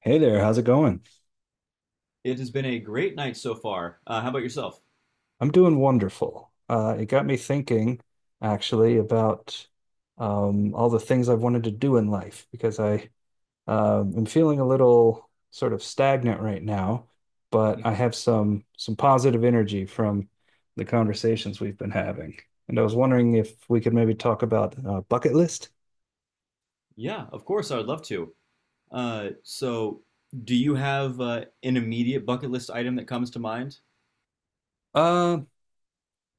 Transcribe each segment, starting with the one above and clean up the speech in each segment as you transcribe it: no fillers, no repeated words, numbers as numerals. Hey there, how's it going? It has been a great night so far. How about yourself? I'm doing wonderful. It got me thinking, actually, about all the things I've wanted to do in life because I am feeling a little sort of stagnant right now, but I have some positive energy from the conversations we've been having, and I was wondering if we could maybe talk about bucket list. Yeah, of course, I would love to. So, do you have an immediate bucket list item that comes to mind? Uh,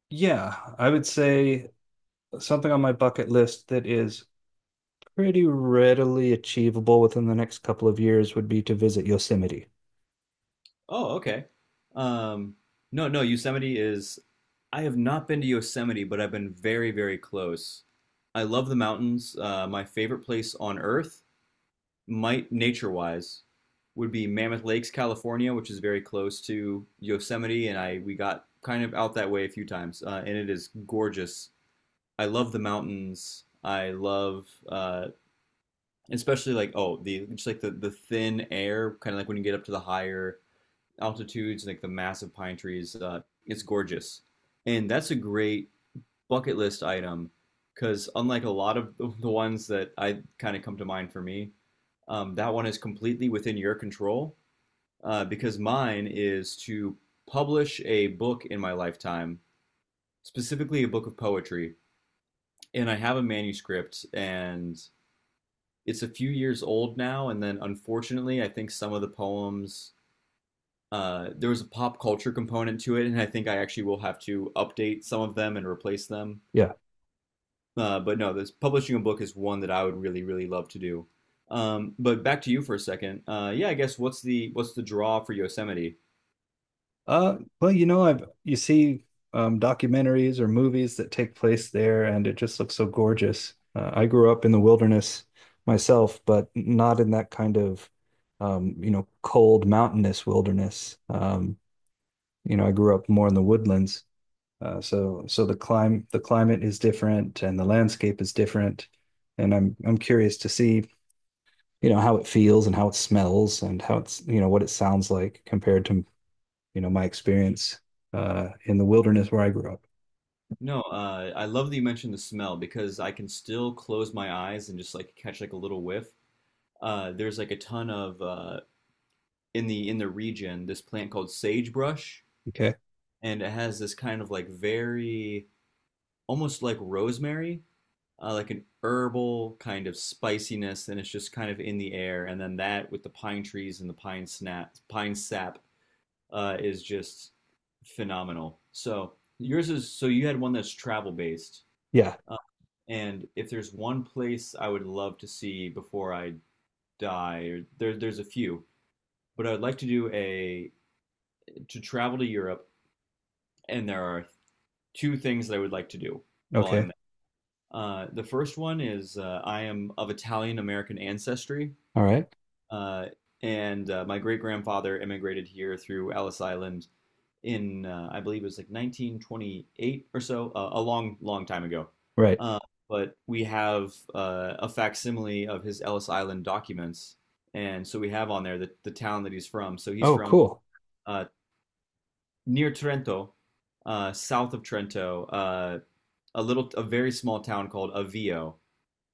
yeah, I would say something on my bucket list that is pretty readily achievable within the next couple of years would be to visit Yosemite. Oh, okay. Um, no, no, Yosemite is. I have not been to Yosemite, but I've been very, very close. I love the mountains. My favorite place on earth, might nature-wise, would be Mammoth Lakes, California, which is very close to Yosemite, and I we got kind of out that way a few times, and it is gorgeous. I love the mountains. I love, especially like oh the just like the thin air, kind of like when you get up to the higher altitudes, like the massive pine trees. It's gorgeous, and that's a great bucket list item because unlike a lot of the ones that I kind of come to mind for me, that one is completely within your control. Because mine is to publish a book in my lifetime, specifically a book of poetry, and I have a manuscript, and it's a few years old now, and then unfortunately, I think some of the poems there was a pop culture component to it, and I think I actually will have to update some of them and replace them. Yeah. But no, this publishing a book is one that I would really, really love to do. But back to you for a second. Yeah, I guess what's the draw for Yosemite? Well, you know, I've you see documentaries or movies that take place there, and it just looks so gorgeous. I grew up in the wilderness myself, but not in that kind of you know, cold mountainous wilderness. You know, I grew up more in the woodlands. So the climb the climate is different and the landscape is different. And I'm curious to see, you know, how it feels and how it smells and how it's, you know, what it sounds like compared to, you know, my experience in the wilderness where I grew up. No, I love that you mentioned the smell because I can still close my eyes and just like catch like a little whiff. There's like a ton of in the region this plant called sagebrush Okay. and it has this kind of like very almost like rosemary, like an herbal kind of spiciness, and it's just kind of in the air. And then that with the pine trees and the pine snap, pine sap, is just phenomenal. So yours is so you had one that's travel based, Yeah. uh, and if there's one place I would love to see before I die, or there's a few, but I would like to do a to travel to Europe, and there are two things that I would like to do while Okay. I'm the first one is I am of Italian American ancestry, All right. uh, and my great grandfather immigrated here through Ellis Island in, I believe it was like 1928 or so, a long, long time ago. Right. Uh, but we have a facsimile of his Ellis Island documents, and so we have on there the town that he's from. So he's Oh, from cool. uh, near Trento, south of Trento, a very small town called Avio,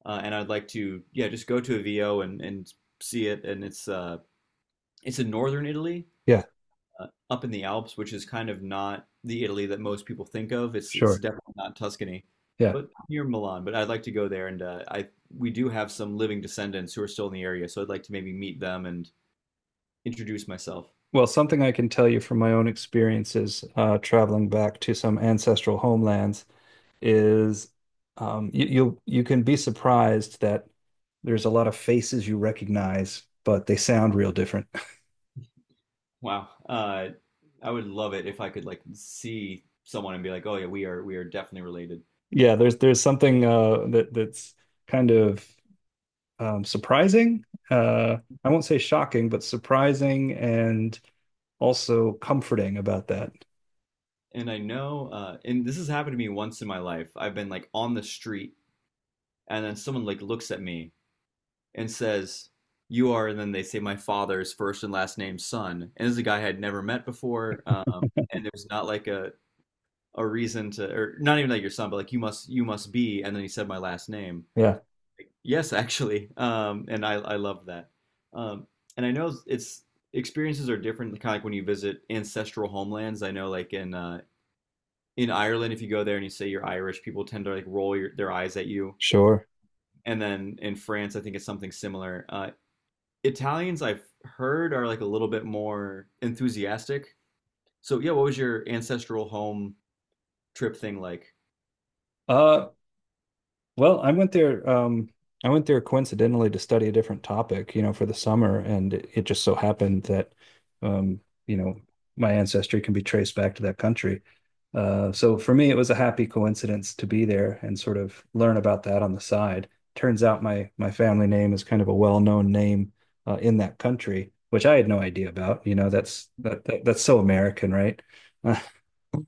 and I'd like to yeah just go to a VO and see it. And it's in northern Italy, Yeah, up in the Alps, which is kind of not the Italy that most people think of. It's sure. definitely not Tuscany, Yeah. but near Milan. But I'd like to go there, and I we do have some living descendants who are still in the area, so I'd like to maybe meet them and introduce myself. Well, something I can tell you from my own experiences traveling back to some ancestral homelands is you'll you can be surprised that there's a lot of faces you recognize, but they sound real different. Wow, I would love it if I could like see someone and be like, oh yeah, we are definitely related. Yeah, there's something that's kind of surprising. Uh, I won't say shocking, but surprising and also comforting about that. And I know, and this has happened to me once in my life. I've been like on the street and then someone like looks at me and says, "You are," and then they say my father's first and last name, son, and this is a guy I had never met before, and there's not like a reason to, or not even like your son, but like you must be, and then he said my last name. Yeah, Yes, actually, and I love that, um, and I know it's experiences are different, kind of like when you visit ancestral homelands. I know like in Ireland, if you go there and you say you're Irish, people tend to like roll their eyes at you. sure. And then in France, I think it's something similar. Italians I've heard are like a little bit more enthusiastic. So yeah, what was your ancestral home trip thing like? Uh, well, I went there coincidentally to study a different topic, you know, for the summer, and it just so happened that, um, you know, my ancestry can be traced back to that country. So for me, it was a happy coincidence to be there and sort of learn about that on the side. Turns out my family name is kind of a well-known name in that country, which I had no idea about. You know, that's that, that that's so American, right?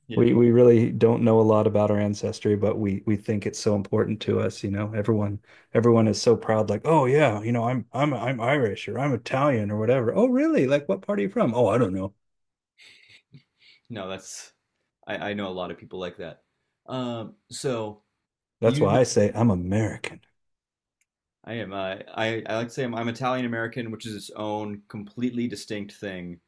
Yeah, We really don't know a lot about our ancestry, but we think it's so important to us, you know. Everyone is so proud, like, oh yeah, you know, I'm Irish or I'm Italian or whatever. Oh really? Like what part are you from? Oh, I don't know. no, that's I know a lot of people like that. So That's you, why I say I'm American. I am I like to say I'm Italian American, which is its own completely distinct thing,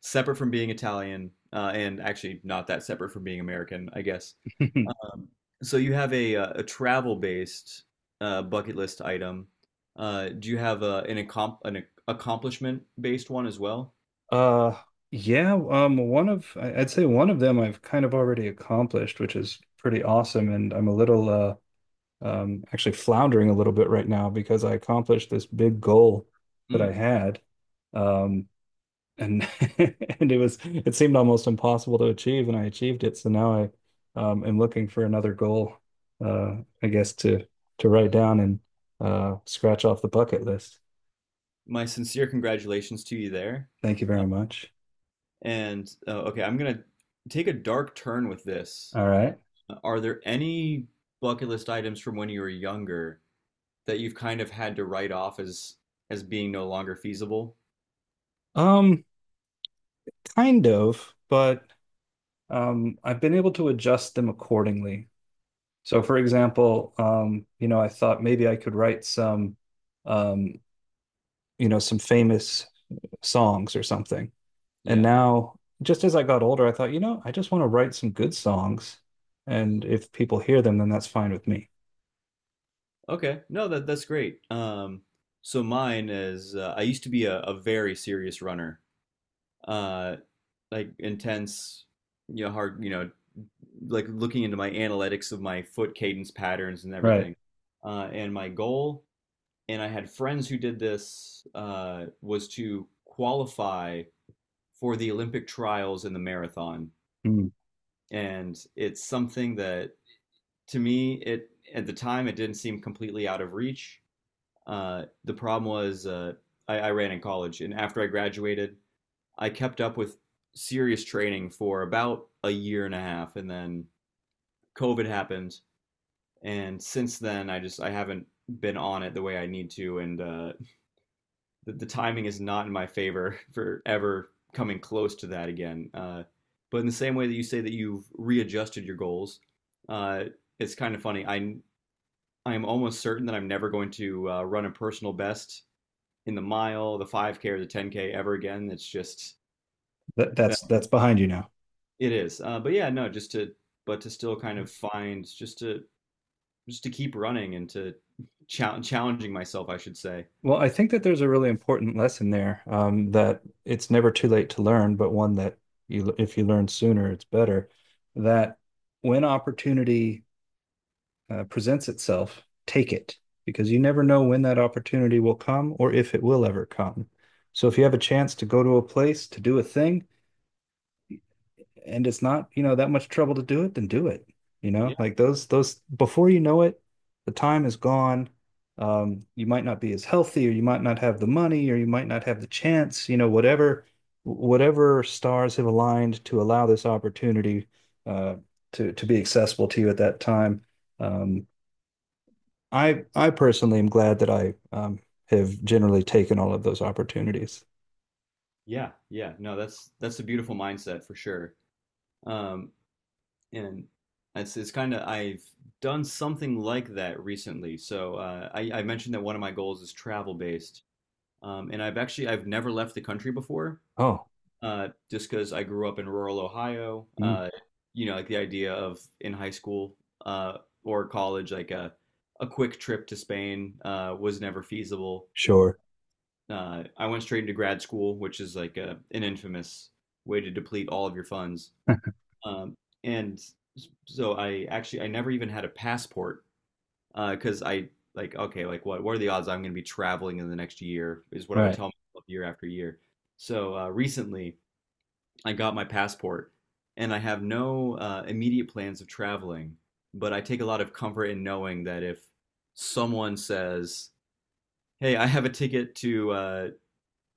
separate from being Italian, and actually not that separate from being American, I guess. Um, so you have a travel based bucket list item. Do you have an accom an accomplishment based one as well? Uh yeah, one of would say one of them I've kind of already accomplished, which is pretty awesome. And I'm a little actually floundering a little bit right now because I accomplished this big goal that I Mm. had. Um and and it was it seemed almost impossible to achieve and I achieved it, so now I am looking for another goal, uh I guess, to write down and scratch off the bucket list. My sincere congratulations to you there. Thank you Uh, very much. and okay, I'm gonna take a dark turn with this. All right. Are there any bucket list items from when you were younger that you've kind of had to write off as being no longer feasible? um Kind of, but I've been able to adjust them accordingly. So for example, you know, I thought maybe I could write some, um you know, some famous songs or something. And Yeah. now, just as I got older, I thought, you know, I just want to write some good songs. And if people hear them, then that's fine with me. Okay. No, that's great. So mine is I used to be a very serious runner. Uh, like intense, you know, hard, you know, like looking into my analytics of my foot cadence patterns and Right. everything. And my goal, and I had friends who did this, was to qualify for the Olympic trials in the marathon. Mm. And it's something that to me, it at the time it didn't seem completely out of reach. The problem was I ran in college, and after I graduated, I kept up with serious training for about a year and a half, and then COVID happened, and since then I just I haven't been on it the way I need to, and the timing is not in my favor for ever coming close to that again. But in the same way that you say that you've readjusted your goals, uh, it's kind of funny. I am almost certain that I'm never going to run a personal best in the mile, the 5K or the 10K ever again. It's just That, that that's that's behind you now. it is. But yeah, no, just to but to still kind of find just to keep running and to challenging myself, I should say. Well, I think that there's a really important lesson there, that it's never too late to learn, but one that you, if you learn sooner, it's better. That when opportunity presents itself, take it because you never know when that opportunity will come or if it will ever come. So if you have a chance to go to a place to do a thing, and it's not, you know, that much trouble to do it, then do it. You know, Yeah, like those, before you know it, the time is gone. You might not be as healthy, or you might not have the money, or you might not have the chance. You know, whatever stars have aligned to allow this opportunity uh, to be accessible to you at that time. Um, I personally am glad that I have generally taken all of those opportunities. Yeah. No, that's a beautiful mindset for sure. Um, and it's kind of I've done something like that recently. So I mentioned that one of my goals is travel based, and I've actually I've never left the country before. Oh, Uh, just because I grew up in rural Ohio. mm, You know, like the idea of in high school uh, or college, like a quick trip to Spain was never feasible. sure. I went straight into grad school, which is like an infamous way to deplete all of your funds. Um, and so I actually I never even had a passport because I like okay like what are the odds I'm going to be traveling in the next year is what I would Right. tell myself year after year. So recently. I got my passport, and I have no immediate plans of traveling, but I take a lot of comfort in knowing that if someone says, "Hey, I have a ticket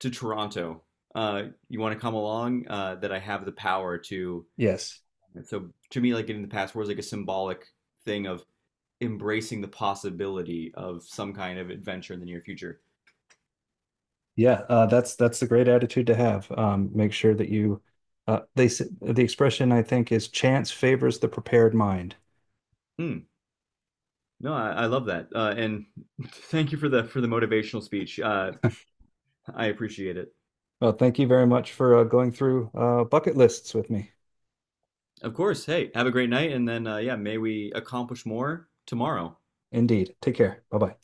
to Toronto. You want to come along?" That I have the power to. Yes. And so to me, like getting the passport is like a symbolic thing of embracing the possibility of some kind of adventure in the near future. Yeah, that's a great attitude to have. Make sure that you, the expression I think is chance favors the prepared mind. Hmm. No, I love that, and thank you for the motivational speech. I appreciate it. Well, thank you very much for going through bucket lists with me. Of course. Hey, have a great night, and then yeah, may we accomplish more tomorrow. Indeed. Take care. Bye bye.